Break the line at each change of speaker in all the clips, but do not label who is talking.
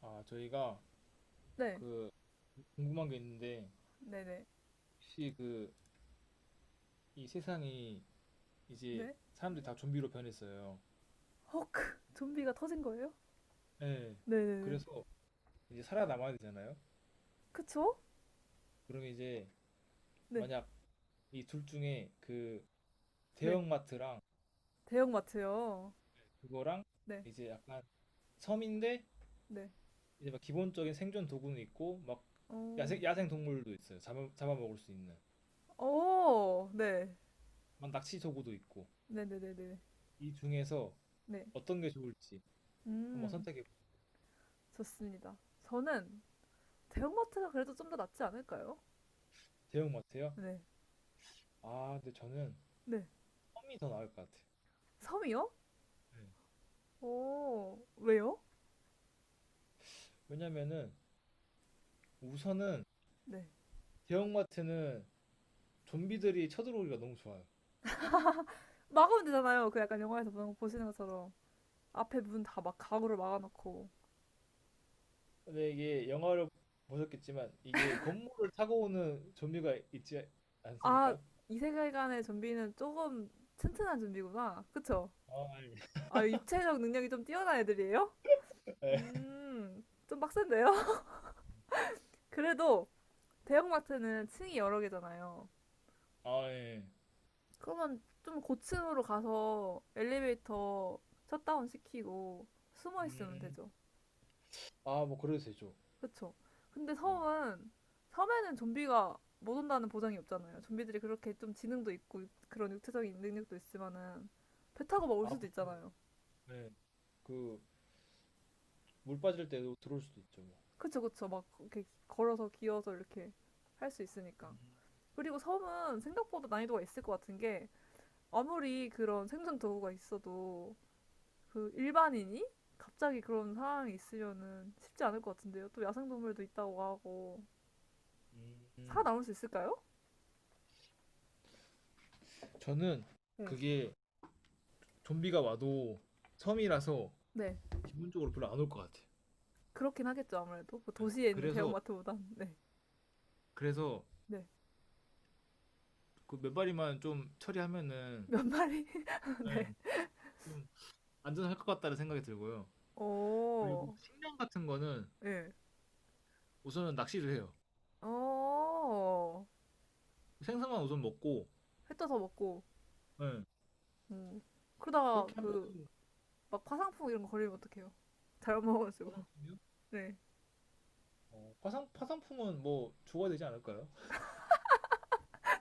아, 저희가
네,
그 궁금한 게 있는데
네네,
혹시 그 이 세상이 이제
네.
사람들이 다 좀비로 변했어요.
헉, 좀비가 터진 거예요?
네.
네네네.
그래서 이제 살아남아야 되잖아요.
그쵸?
그러면 이제
네,
만약 이 둘 중에 그
네.
대형마트랑
대형마트요.
그거랑
네,
이제 약간 섬인데
네.
이제 막 기본적인 생존 도구는 있고 막
오,
야생 동물도 있어요. 잡아먹을 수 있는
오, 네.
막 낚시 도구도 있고
네네네네.
이 중에서
네.
어떤 게 좋을지 한번
음,
선택해 보세요.
좋습니다. 저는 대형마트가 그래도 좀 더 낫지 않을까요?
대형마트요?
네,
아, 근데 저는
네.
섬이더 나을 것 같아.
섬이요?
네.
오, 왜요?
왜냐면은 우선은
네.
대형마트는 좀비들이 쳐들어오기가 너무 좋아요.
막으면 되잖아요. 그 약간 영화에서 보시는 것처럼. 앞에 문 다 막 가구를 막아놓고.
근데 이게 영화를 보셨겠지만 이게 건물을 타고 오는 좀비가 있지
아,
않습니까?
이 세계관의 좀비는 조금 튼튼한 좀비구나. 그쵸?
아, 예.
아, 육체적 능력이 좀 뛰어난 애들이에요?
네.
좀 빡센데요? 그래도 대형마트는 층이 여러 개잖아요.
아 예.
그러면 좀 고층으로 가서 엘리베이터 셧다운 시키고 숨어 있으면
음,
되죠.
아 뭐 그래도 되죠.
그쵸? 근데
음,
섬은, 섬에는 좀비가 못 온다는 보장이 없잖아요. 좀비들이 그렇게 좀 지능도 있고 그런 육체적인 능력도 있지만은 배 타고 막 올
아
수도
그렇죠.
있잖아요.
네. 그물 빠질 때도 들어올 수도 있죠. 뭐.
그쵸, 그쵸. 막 이렇게 걸어서 기어서 이렇게 할 수 있으니까.
음,
그리고 섬은 생각보다 난이도가 있을 것 같은 게 아무리 그런 생존 도구가 있어도 그 일반인이 갑자기 그런 상황이 있으면은 쉽지 않을 것 같은데요. 또 야생동물도 있다고 하고
음. 음,
살아남을 수 있을까요?
저는
응.
그게 좀비가 와도 섬이라서
네.
기본적으로 별로 안 올 것 같아. 요
그렇긴 하겠죠, 아무래도. 뭐 도시에 있는
그래서
대형마트보단. 네.
그래서
네.
그 몇 마리만 좀 처리하면은
몇 마리?
네,
네.
좀 안전할 것 같다는 생각이 들고요. 그리고
오.
식량 같은 거는
예.
우선은 낚시를 해요.
어.
생선만 우선 먹고
햇 떠서 먹고.
네,
음. 그러다가
그렇게 하면
그 막 화상풍 이런 거 걸리면 어떡해요? 잘못 먹어가지고.
화상품이요?
네.
어, 화상품은 뭐 주어야 되지 않을까요?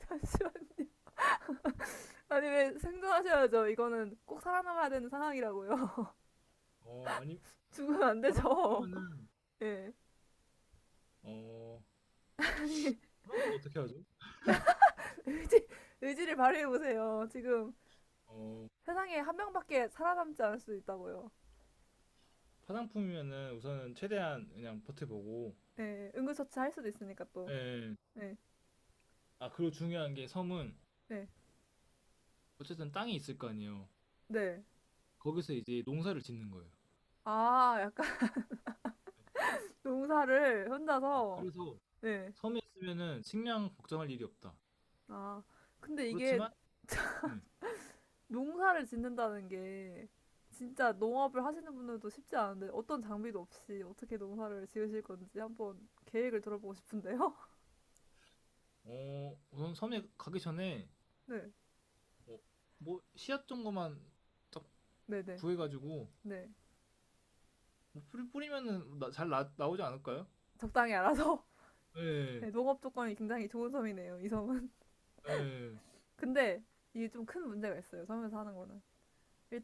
잠시만. 아니, 왜 생존하셔야죠. 이거는 꼭 살아남아야 되는 상황이라고요.
어 아니
죽으면 안 되죠.
화상품이면은
예. 네.
어
아니,
화상품 어떻게 하죠?
의지, 의지를 발휘해보세요. 지금
어
세상에 한 명밖에 살아남지 않을 수도 있다고요.
화상품이면은 우선은 최대한 그냥 버텨보고
예. 네. 응급처치 할 수도 있으니까 또.
예.
네
아 그리고 중요한 게 섬은
네.
어쨌든 땅이 있을 거 아니에요.
네.
거기서 이제 농사를 짓는 거예요.
아, 약간
예.
농사를
예.
혼자서.
그래서
네.
섬에 있으면은 식량 걱정할 일이 없다.
아. 근데 이게
그렇지만, 음,
농사를 짓는다는 게 진짜 농업을 하시는 분들도 쉽지 않은데 어떤 장비도 없이 어떻게 농사를 지으실 건지 한번 계획을 들어보고 싶은데요.
어, 우선 섬에 가기 전에
네,
뭐, 뭐 씨앗 정도만 딱
네, 네,
구해가지고
네.
뭐 뿌리면은 잘 나오지 않을까요?
적당히 알아서.
예,
네, 농업 조건이 굉장히 좋은 섬이네요, 이 섬은.
예, 예,
근데 이게 좀 큰 문제가 있어요, 섬에서 하는 거는.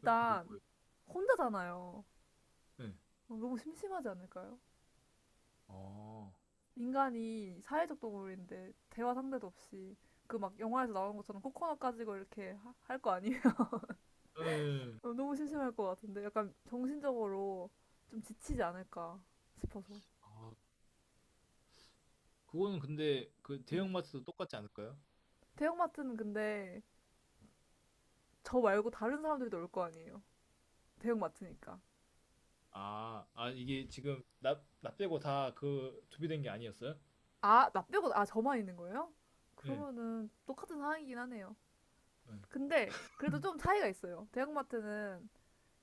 뭐, 뭐요?
혼자잖아요.
예.
어, 너무 심심하지 않을까요?
아,
인간이 사회적 동물인데 대화 상대도 없이 그 막 영화에서 나오는 것처럼 코코넛 가지고 이렇게 할 거 아니에요?
예.
어, 너무 심심할 것 같은데 약간 정신적으로 좀 지치지 않을까 싶어서.
아, 그거는 근데 그
네.
대형마트도 똑같지 않을까요?
대형마트는 근데 저 말고 다른 사람들도 올 거 아니에요. 대형마트니까.
아, 아 이게 지금 나 빼고 다 그 준비된 게 아니었어요?
아, 나 빼고 아 저만 있는 거예요?
예,
그러면은 똑같은 상황이긴 하네요.
네,
근데 그래도 좀 차이가 있어요. 대형마트는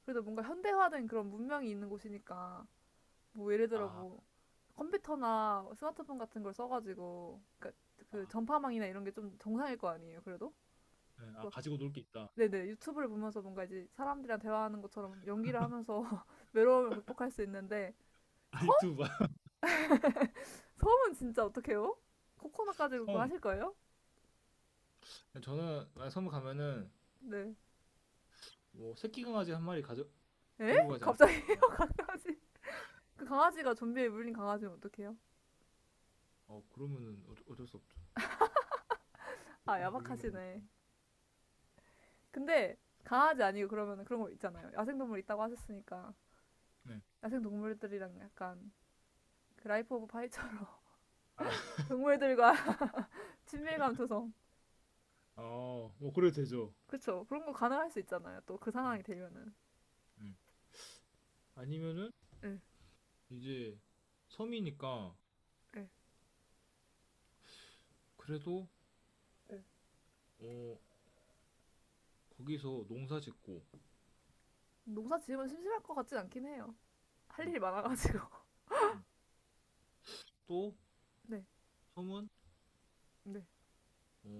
그래도 뭔가 현대화된 그런 문명이 있는 곳이니까 뭐 예를 들어
아,
뭐 컴퓨터나 스마트폰 같은 걸 써가지고 그러니까
아,
그 전파망이나 이런 게 좀 정상일 거 아니에요. 그래도
네. 아, 가지고 놀 게 있다.
네네. 유튜브를 보면서 뭔가 이제 사람들이랑 대화하는 것처럼 연기를 하면서 외로움을 극복할 수 있는데 섬?
알투바,
섬은 진짜 어떡해요? 코코넛 가지고 그거
섬.
하실 거예요?
저는 만약 섬을 가면은
네.
뭐 새끼 강아지 한 마리 가져
에?
데리고 가지 않을까?
갑자기요? 강아지. 그 강아지가 좀비에 물린 강아지면 어떡해요?
어 그러면은 어, 어쩔 수 없죠.
아,
돈이 몰린 거죠.
야박하시네. 근데 강아지 아니고 그러면 그런 거 있잖아요. 야생동물 있다고 하셨으니까 야생동물들이랑 약간 그 라이프 오브 파이처럼 동물들과 친밀감 조성.
어, 뭐 그래도 되죠.
그쵸. 그런 거 가능할 수 있잖아요. 또 그 상황이
음.
되면은.
음. 아니면은
응,
이제 섬이니까
응,
그래도
응.
어 거기서 농사 짓고
농사 지으면 심심할 것 같진 않긴 해요. 할
음.
일이
농사
많아가지고.
짓고 음. 또
네,
섬은
네.
어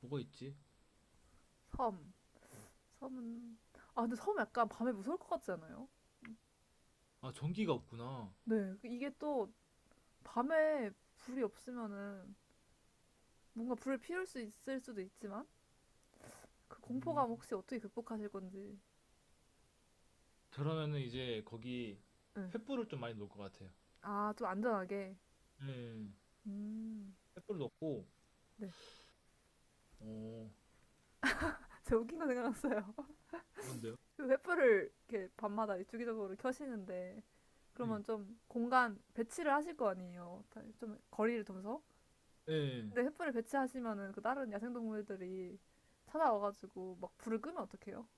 뭐가 있지?
섬. 섬은. 아, 근데 섬 약간 밤에 무서울 것 같지 않아요?
아 전기가 없구나.
네. 그 이게 또 밤에 불이 없으면은 뭔가 불을 피울 수 있을 수도 있지만 그
음.
공포감 혹시 어떻게 극복하실 건지.
그러면은 이제 거기
네.
횃불을 좀 많이 놓을 것 같아요.
아, 좀 안전하게.
네.
음.
횃불 놓고
네.
어
제가 웃긴 거 생각났어요.
뭔데요?
그 횃불을 이렇게 밤마다 주기적으로 켜시는데
예.
그러면 좀 공간 배치를 하실 거 아니에요. 좀 거리를 두면서.
예
근데 횃불을 배치하시면은 그 다른 야생동물들이 찾아와가지고 막 불을 끄면 어떡해요?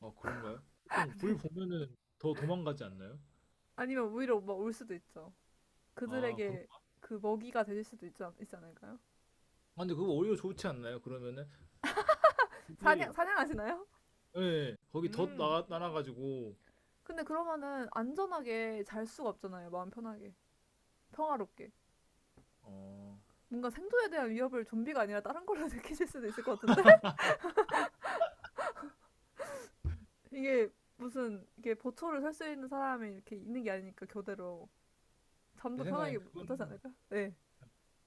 아 그런가요? 보통 불 보면은 더 도망가지 않나요?
아니면 오히려 막 올 수도 있죠.
아
그들에게
그런가?
그 먹이가 되실 수도 있지 않을까요?
아 근데 그거 오히려 좋지 않나요? 그러면은
사냥,
그게
사냥하시나요?
예. 예. 거기 덧
음.
나 날아 가지고
근데 그러면은 안전하게 잘 수가 없잖아요. 마음 편하게. 평화롭게.
어
뭔가 생존에 대한 위협을 좀비가 아니라 다른 걸로 느끼실 수도 있을 것 같은데? 이게 무슨, 이게 보초를 설 수 있는 사람이 이렇게 있는 게 아니니까, 교대로.
제
잠도 편하게
생각엔
하지
그거는
않을까요? 네.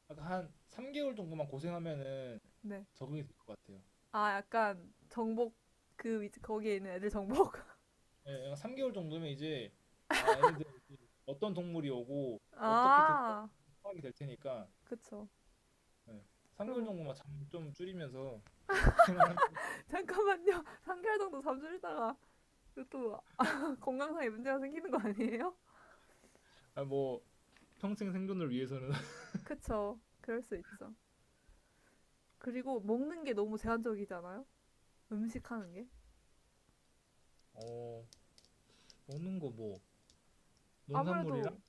약간 한 3 개월 정도만 고생하면은
네.
적응이 될 것 같아요.
아, 약간 정복 그 위치 거기에 있는 애들 정복.
예. 약 3 개월 정도면 이제 아 얘네들 이제 어떤 동물이 오고 어떻게
아,
대처하는지 파악이 될 테니까
그쵸.
예. 3 개월
그럼
정도만 잠 좀 줄이면서 생활하면
잠깐만요. 3개월 정도 잠수했다가 또 건강상에 문제가 생기는 거 아니에요?
아 뭐 평생 생존을 위해서는
그쵸. 그럴 수 있죠. 그리고 먹는 게 너무 제한적이잖아요. 음식 하는 게.
어 먹는 거 뭐 농산물이랑
아무래도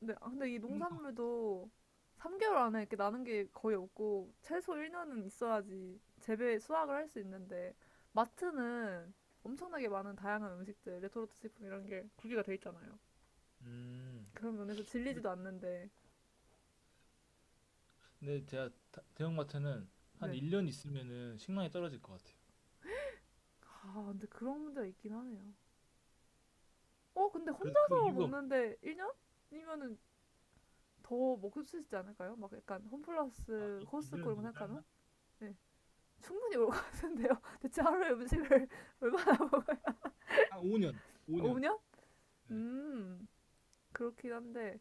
네, 아, 근데 이
생선.
농산물도 3개월 안에 이렇게 나는 게 거의 없고 최소 1년은 있어야지 재배 수확을 할 수 있는데 마트는 엄청나게 많은 다양한 음식들, 레토르트 식품 이런 게 구비가 돼 있잖아요.
음.
그런 면에서
근데
질리지도 않는데
근데 제가 다- 대형마트는 한
네.
1년 있으면은 식량이 떨어질 것 같아요.
아, 근데 그런 문제가 있긴 하네요. 어, 근데
그래서 그
혼자서
이유가 뭐-
먹는데 1년이면은 더 먹을 수 있지 않을까요? 막 약간
아,
홈플러스, 코스트코
1년은
이런 거
너무 짧나?
생각하면? 네. 충분히 올 것 같은데요. 대체 하루에 음식을 얼마나 먹어요?
한 5년, 5년.
5년?
네,
음, 그렇긴 한데,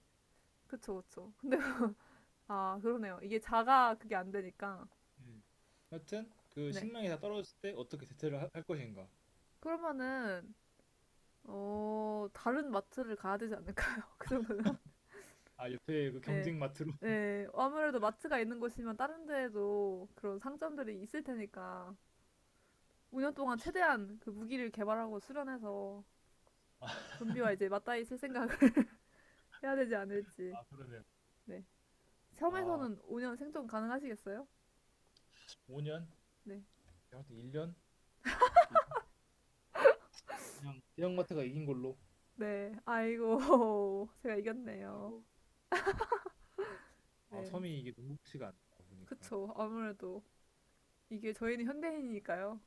그쵸, 그쵸. 근데, 아, 그러네요. 이게 자가 그게 안 되니까.
네. 하여튼 그
네.
식량이 다 떨어질 때 어떻게 대체를 하- 할 것인가?
그러면은, 어, 다른 마트를 가야 되지 않을까요? 그 정도면?
아, 옆에 그
네.
경쟁마트로.
네. 아무래도 마트가 있는 곳이면 다른 데에도 그런 상점들이 있을 테니까, 5년 동안 최대한 그 무기를 개발하고 수련해서 좀비와 이제 맞닿아 있을 생각을 해야 되지 않을지.
아, 그러네요.
네.
아,
섬에서는 5년 생존 가능하시겠어요?
5년?
네.
하여튼 1년? 그냥 대형마트가 이긴 걸로.
네. 아이고, 제가 이겼네요.
아이고. 아,
네,
섬이 이게 녹록지가 않다 보니까.
그쵸. 아무래도 이게 저희는 현대인이니까요.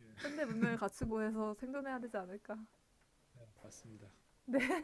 예,
현대 문명을 갖추고 해서 생존해야 되지 않을까.
네, 맞습니다.
네.